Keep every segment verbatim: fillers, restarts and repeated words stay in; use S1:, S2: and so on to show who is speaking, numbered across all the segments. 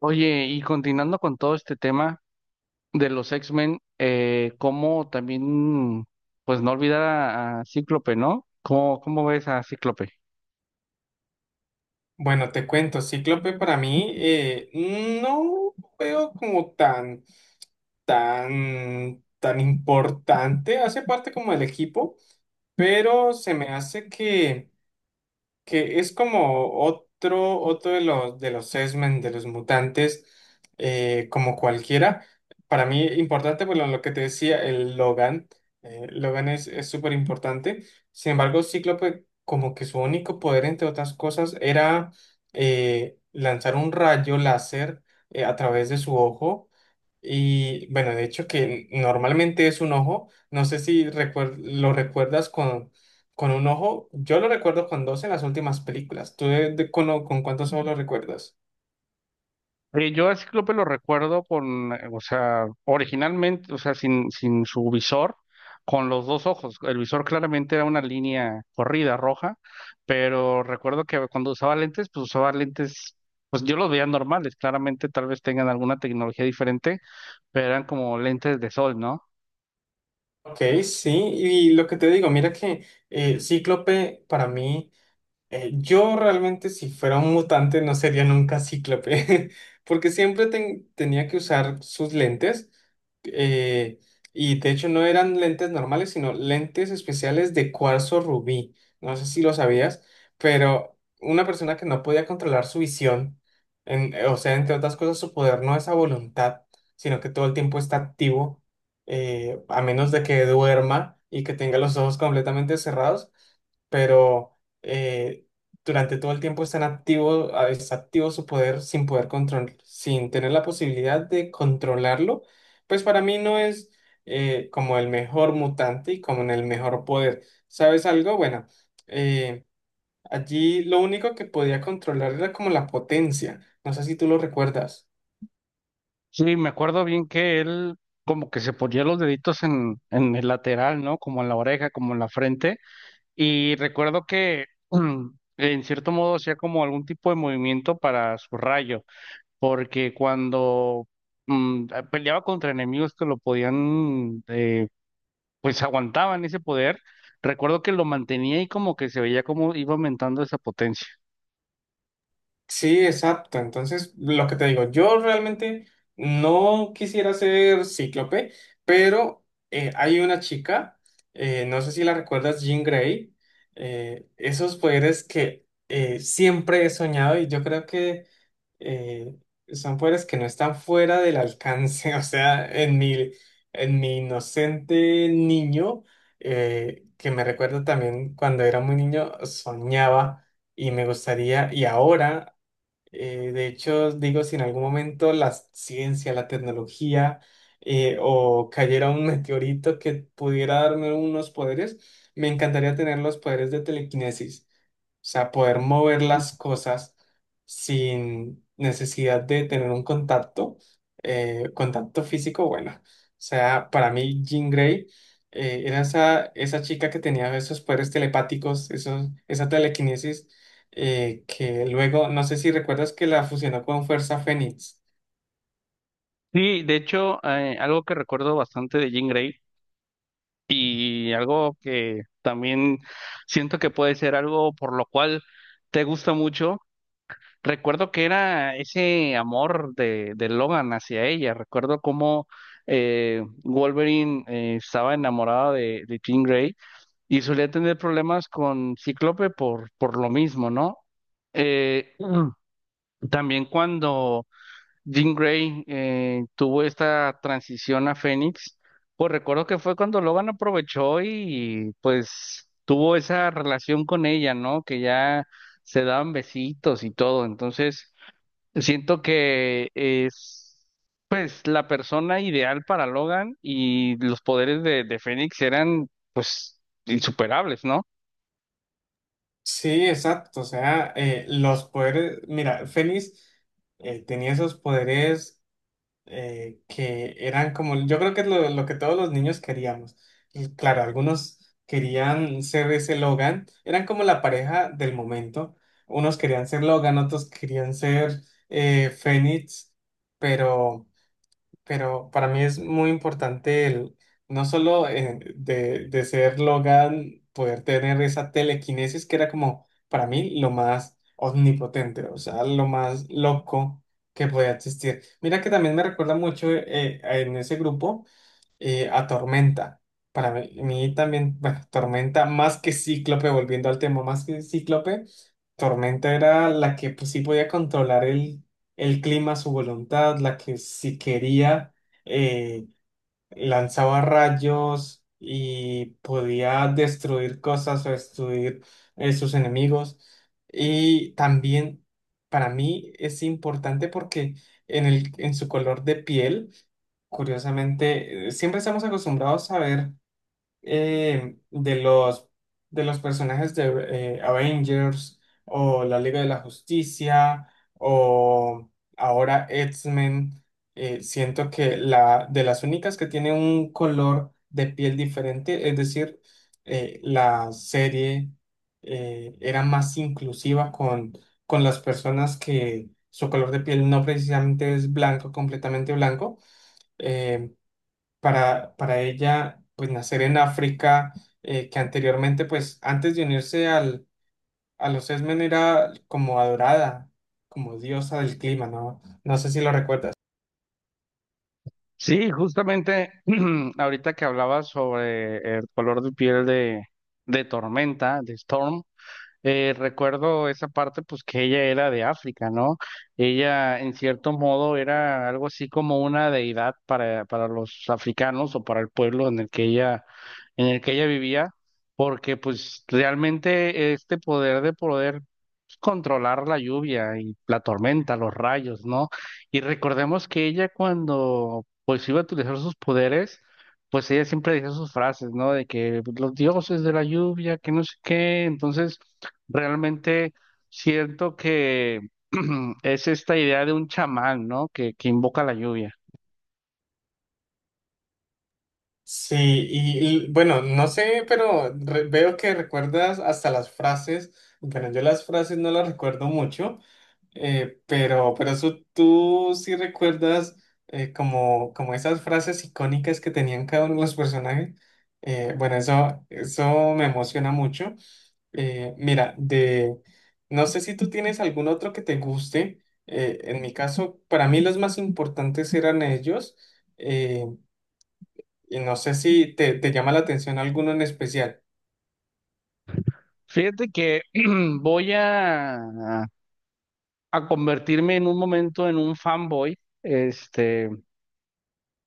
S1: Oye, y continuando con todo este tema de los X-Men, eh, cómo también, pues no olvidar a, a Cíclope, ¿no? ¿Cómo, cómo ves a Cíclope?
S2: Bueno, te cuento, Cíclope para mí eh, no veo como tan, tan, tan importante, hace parte como del equipo, pero se me hace que que es como otro, otro de los, de los X-Men, de los mutantes, eh, como cualquiera. Para mí, importante, bueno, lo que te decía, el Logan. eh, Logan es, es súper importante. Sin embargo, Cíclope, como que su único poder, entre otras cosas, era eh, lanzar un rayo láser eh, a través de su ojo. Y bueno, de hecho que normalmente es un ojo, no sé si recuer- lo recuerdas con, con un ojo, yo lo recuerdo con dos en las últimas películas, ¿tú de- de- con, con cuántos ojos lo recuerdas?
S1: Eh, yo a Cíclope lo recuerdo con, eh, o sea, originalmente, o sea, sin, sin su visor, con los dos ojos. El visor claramente era una línea corrida roja, pero recuerdo que cuando usaba lentes, pues usaba lentes, pues yo los veía normales, claramente tal vez tengan alguna tecnología diferente, pero eran como lentes de sol, ¿no?
S2: Ok, sí, y lo que te digo, mira que eh, Cíclope para mí... Eh, yo realmente si fuera un mutante no sería nunca cíclope, porque siempre ten- tenía que usar sus lentes, eh, y de hecho no eran lentes normales, sino lentes especiales de cuarzo rubí. No sé si lo sabías, pero una persona que no podía controlar su visión, en- eh, o sea, entre otras cosas, su poder no es a voluntad, sino que todo el tiempo está activo, eh, a menos de que duerma y que tenga los ojos completamente cerrados, pero eh, durante todo el tiempo están activo, a- está activo su poder sin poder control, sin tener la posibilidad de controlarlo, pues para mí no es eh, como el mejor mutante y como en el mejor poder. ¿Sabes algo? Bueno, eh, allí lo único que podía controlar era como la potencia. No sé si tú lo recuerdas.
S1: Sí, me acuerdo bien que él como que se ponía los deditos en, en el lateral, ¿no? Como en la oreja, como en la frente. Y recuerdo que mm, en cierto modo hacía como algún tipo de movimiento para su rayo, porque cuando mm, ah, peleaba contra enemigos que lo podían, eh, pues aguantaban ese poder, recuerdo que lo mantenía y como que se veía como iba aumentando esa potencia.
S2: Sí, exacto. Entonces, lo que te digo, yo realmente no quisiera ser cíclope, pero eh, hay una chica, eh, no sé si la recuerdas, Jean Grey, eh, esos poderes que eh, siempre he soñado y yo creo que eh, son poderes que no están fuera del alcance. O sea, en mi, en mi inocente niño, eh, que me recuerdo también cuando era muy niño, soñaba y me gustaría, y ahora. Eh, de hecho, digo, si en algún momento la ciencia, la tecnología eh, o cayera un meteorito que pudiera darme unos poderes, me encantaría tener los poderes de telequinesis. O sea, poder mover las cosas sin necesidad de tener un contacto, eh, contacto físico, bueno. O sea, para mí Jean Grey eh, era esa, esa chica que tenía esos poderes telepáticos, esos, esa telequinesis eh, que luego, no sé si recuerdas que la fusionó con Fuerza Fénix.
S1: Sí, de hecho, eh, algo que recuerdo bastante de Jean Grey y algo que también siento que puede ser algo por lo cual te gusta mucho. Recuerdo que era ese amor de, de Logan hacia ella. Recuerdo cómo eh, Wolverine eh, estaba enamorado de, de Jean Grey y solía tener problemas con Cíclope por, por lo mismo, ¿no? Eh, Mm. También cuando Jean Grey eh, tuvo esta transición a Fénix, pues recuerdo que fue cuando Logan aprovechó y pues tuvo esa relación con ella, ¿no? Que ya se daban besitos y todo. Entonces, siento que es pues la persona ideal para Logan y los poderes de, de Fénix eran pues insuperables, ¿no?
S2: Sí, exacto, o sea, eh, los poderes, mira, Fénix eh, tenía esos poderes eh, que eran como, yo creo que es lo, lo que todos los niños queríamos. Y claro, algunos querían ser ese Logan, eran como la pareja del momento. Unos querían ser Logan, otros querían ser eh, Fénix, pero... pero para mí es muy importante el, no solo eh, de, de ser Logan, poder tener esa telequinesis que era como para mí lo más omnipotente, o sea, lo más loco que podía existir. Mira que también me recuerda mucho eh, en ese grupo eh, a Tormenta. Para mí, mí también, bueno, Tormenta más que Cíclope, volviendo al tema, más que Cíclope, Tormenta era la que pues, sí podía controlar el, el clima a su voluntad, la que si quería eh, lanzaba rayos y podía destruir cosas o destruir eh, sus enemigos. Y también para mí es importante porque en el, en su color de piel, curiosamente, eh, siempre estamos acostumbrados a ver eh, de los, de los personajes de eh, Avengers o la Liga de la Justicia o ahora X-Men, eh, siento que la, de las únicas que tiene un color de piel diferente, es decir, eh, la serie eh, era más inclusiva con, con las personas que su color de piel no precisamente es blanco, completamente blanco. Em, para, para ella, pues nacer en África, eh, que anteriormente, pues antes de unirse al, a los Esmen era como adorada, como diosa del clima, ¿no? No sé si lo recuerdas.
S1: Sí, justamente ahorita que hablabas sobre el color de piel de, de Tormenta, de Storm. Eh, recuerdo esa parte, pues que ella era de África, ¿no? Ella, en cierto modo, era algo así como una deidad para, para los africanos o para el pueblo en el que ella, en el que ella vivía, porque pues realmente este poder de poder controlar la lluvia y la tormenta, los rayos, ¿no? Y recordemos que ella cuando pues iba a utilizar sus poderes, pues ella siempre decía sus frases, ¿no? De que los dioses de la lluvia, que no sé qué. Entonces realmente siento que es esta idea de un chamán, ¿no? Que, que invoca la lluvia.
S2: Sí, y, y, bueno, no sé, pero re- veo que recuerdas hasta las frases, bueno, yo las frases no las recuerdo mucho. Eh, pero, pero eso, tú sí recuerdas eh, como, como esas frases icónicas que tenían cada uno de los personajes. Eh, bueno, eso, eso me emociona mucho. Eh, mira, de, no sé si tú tienes algún otro que te guste. Eh, en mi caso, para mí los más importantes eran ellos. Eh, y no sé si te, te llama la atención alguno en especial.
S1: Fíjate que voy a, a convertirme en un momento en un fanboy. Este,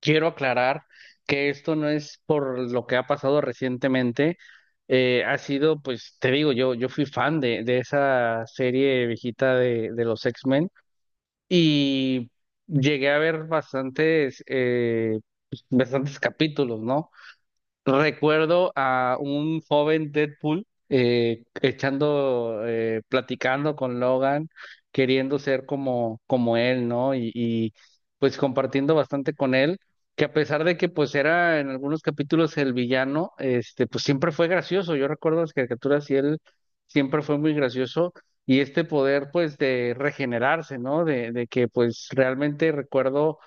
S1: quiero aclarar que esto no es por lo que ha pasado recientemente. Eh, ha sido, pues, te digo, yo, yo fui fan de, de esa serie viejita de, de los X-Men. Y llegué a ver bastantes, eh, pues, bastantes capítulos, ¿no? Recuerdo a un joven Deadpool eh, echando, eh, platicando con Logan, queriendo ser como, como él, ¿no? Y, y, pues compartiendo bastante con él, que a pesar de que pues era en algunos capítulos el villano, este, pues siempre fue gracioso. Yo recuerdo las caricaturas y él siempre fue muy gracioso. Y este poder pues de regenerarse, ¿no? De, de que pues realmente recuerdo,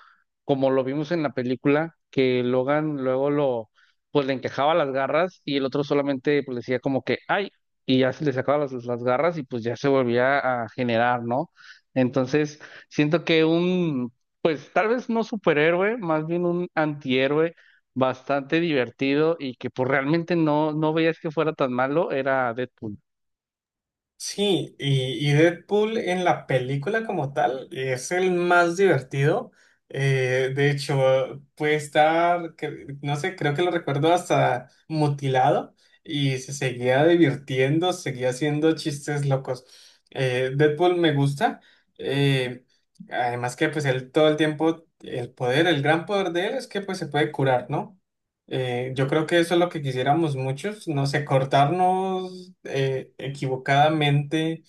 S1: como lo vimos en la película, que Logan luego lo pues le encajaba las garras y el otro solamente pues, le decía como que, ay, y ya se le sacaba las, las garras y pues ya se volvía a generar, ¿no? Entonces, siento que un, pues tal vez no superhéroe, más bien un antihéroe bastante divertido y que pues realmente no, no veías que fuera tan malo, era Deadpool.
S2: Sí, y, y Deadpool en la película como tal es el más divertido. Eh, de hecho, puede estar, cre- no sé, creo que lo recuerdo hasta mutilado y se seguía divirtiendo, seguía haciendo chistes locos. Eh, Deadpool me gusta. eh, además que pues él todo el tiempo, el poder, el gran poder de él es que pues se puede curar, ¿no? Eh, yo creo que eso es lo que quisiéramos muchos, no sé, cortarnos eh, equivocadamente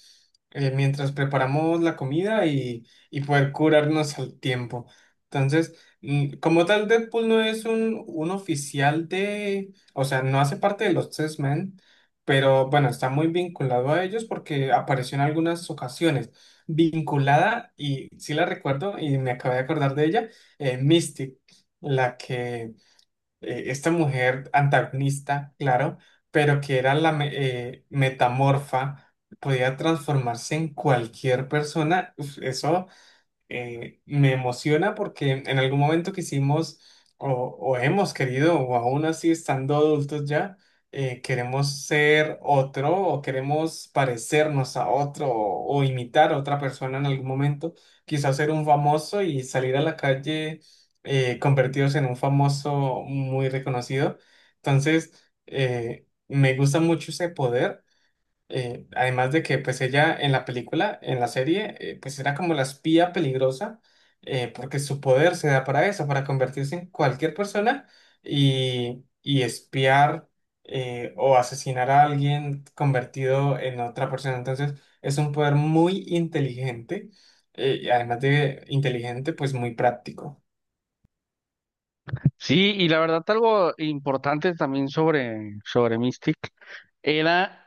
S2: eh, mientras preparamos la comida y, y poder curarnos al tiempo. Entonces, mm, como tal, Deadpool no es un, un oficial de, o sea, no hace parte de los Test Men, pero bueno, está muy vinculado a ellos porque apareció en algunas ocasiones. Vinculada, y sí la recuerdo y me acabé de acordar de ella, eh, Mystic, la que eh, esta mujer antagonista, claro, pero que era la me- eh, metamorfa, podía transformarse en cualquier persona, uf, eso eh, me emociona porque en algún momento quisimos o, o hemos querido, o aún así estando adultos ya, eh, queremos ser otro o queremos parecernos a otro o, o imitar a otra persona en algún momento, quizás ser un famoso y salir a la calle eh, convertidos en un famoso muy reconocido. Entonces, eh, me gusta mucho ese poder. Eh, además de que pues ella en la película, en la serie, eh, pues era como la espía peligrosa, eh, porque su poder se da para eso, para convertirse en cualquier persona y, y espiar eh, o asesinar a alguien convertido en otra persona. Entonces es un poder muy inteligente, eh, y además de inteligente, pues muy práctico.
S1: Sí, y la verdad algo importante también sobre, sobre Mystic era...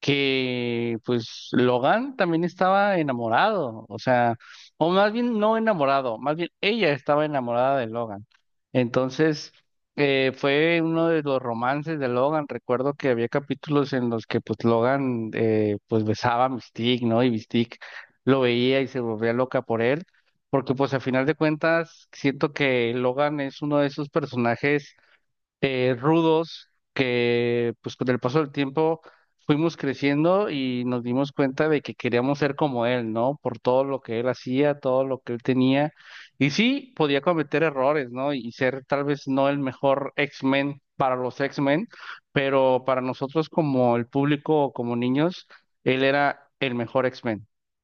S1: que pues Logan también estaba enamorado, o sea, o más bien no enamorado, más bien ella estaba enamorada de Logan. Entonces, eh, fue uno de los romances de Logan. Recuerdo que había capítulos en los que pues Logan eh, pues besaba a Mystique, ¿no? Y Mystique lo veía y se volvía loca por él, porque pues a final de cuentas siento que Logan es uno de esos personajes eh, rudos que pues con el paso del tiempo fuimos creciendo y nos dimos cuenta de que queríamos ser como él, ¿no? Por todo lo que él hacía, todo lo que él tenía. Y sí, podía cometer errores, ¿no? Y ser tal vez no el mejor X-Men para los X-Men, pero para nosotros como el público, como niños, él era el mejor X-Men.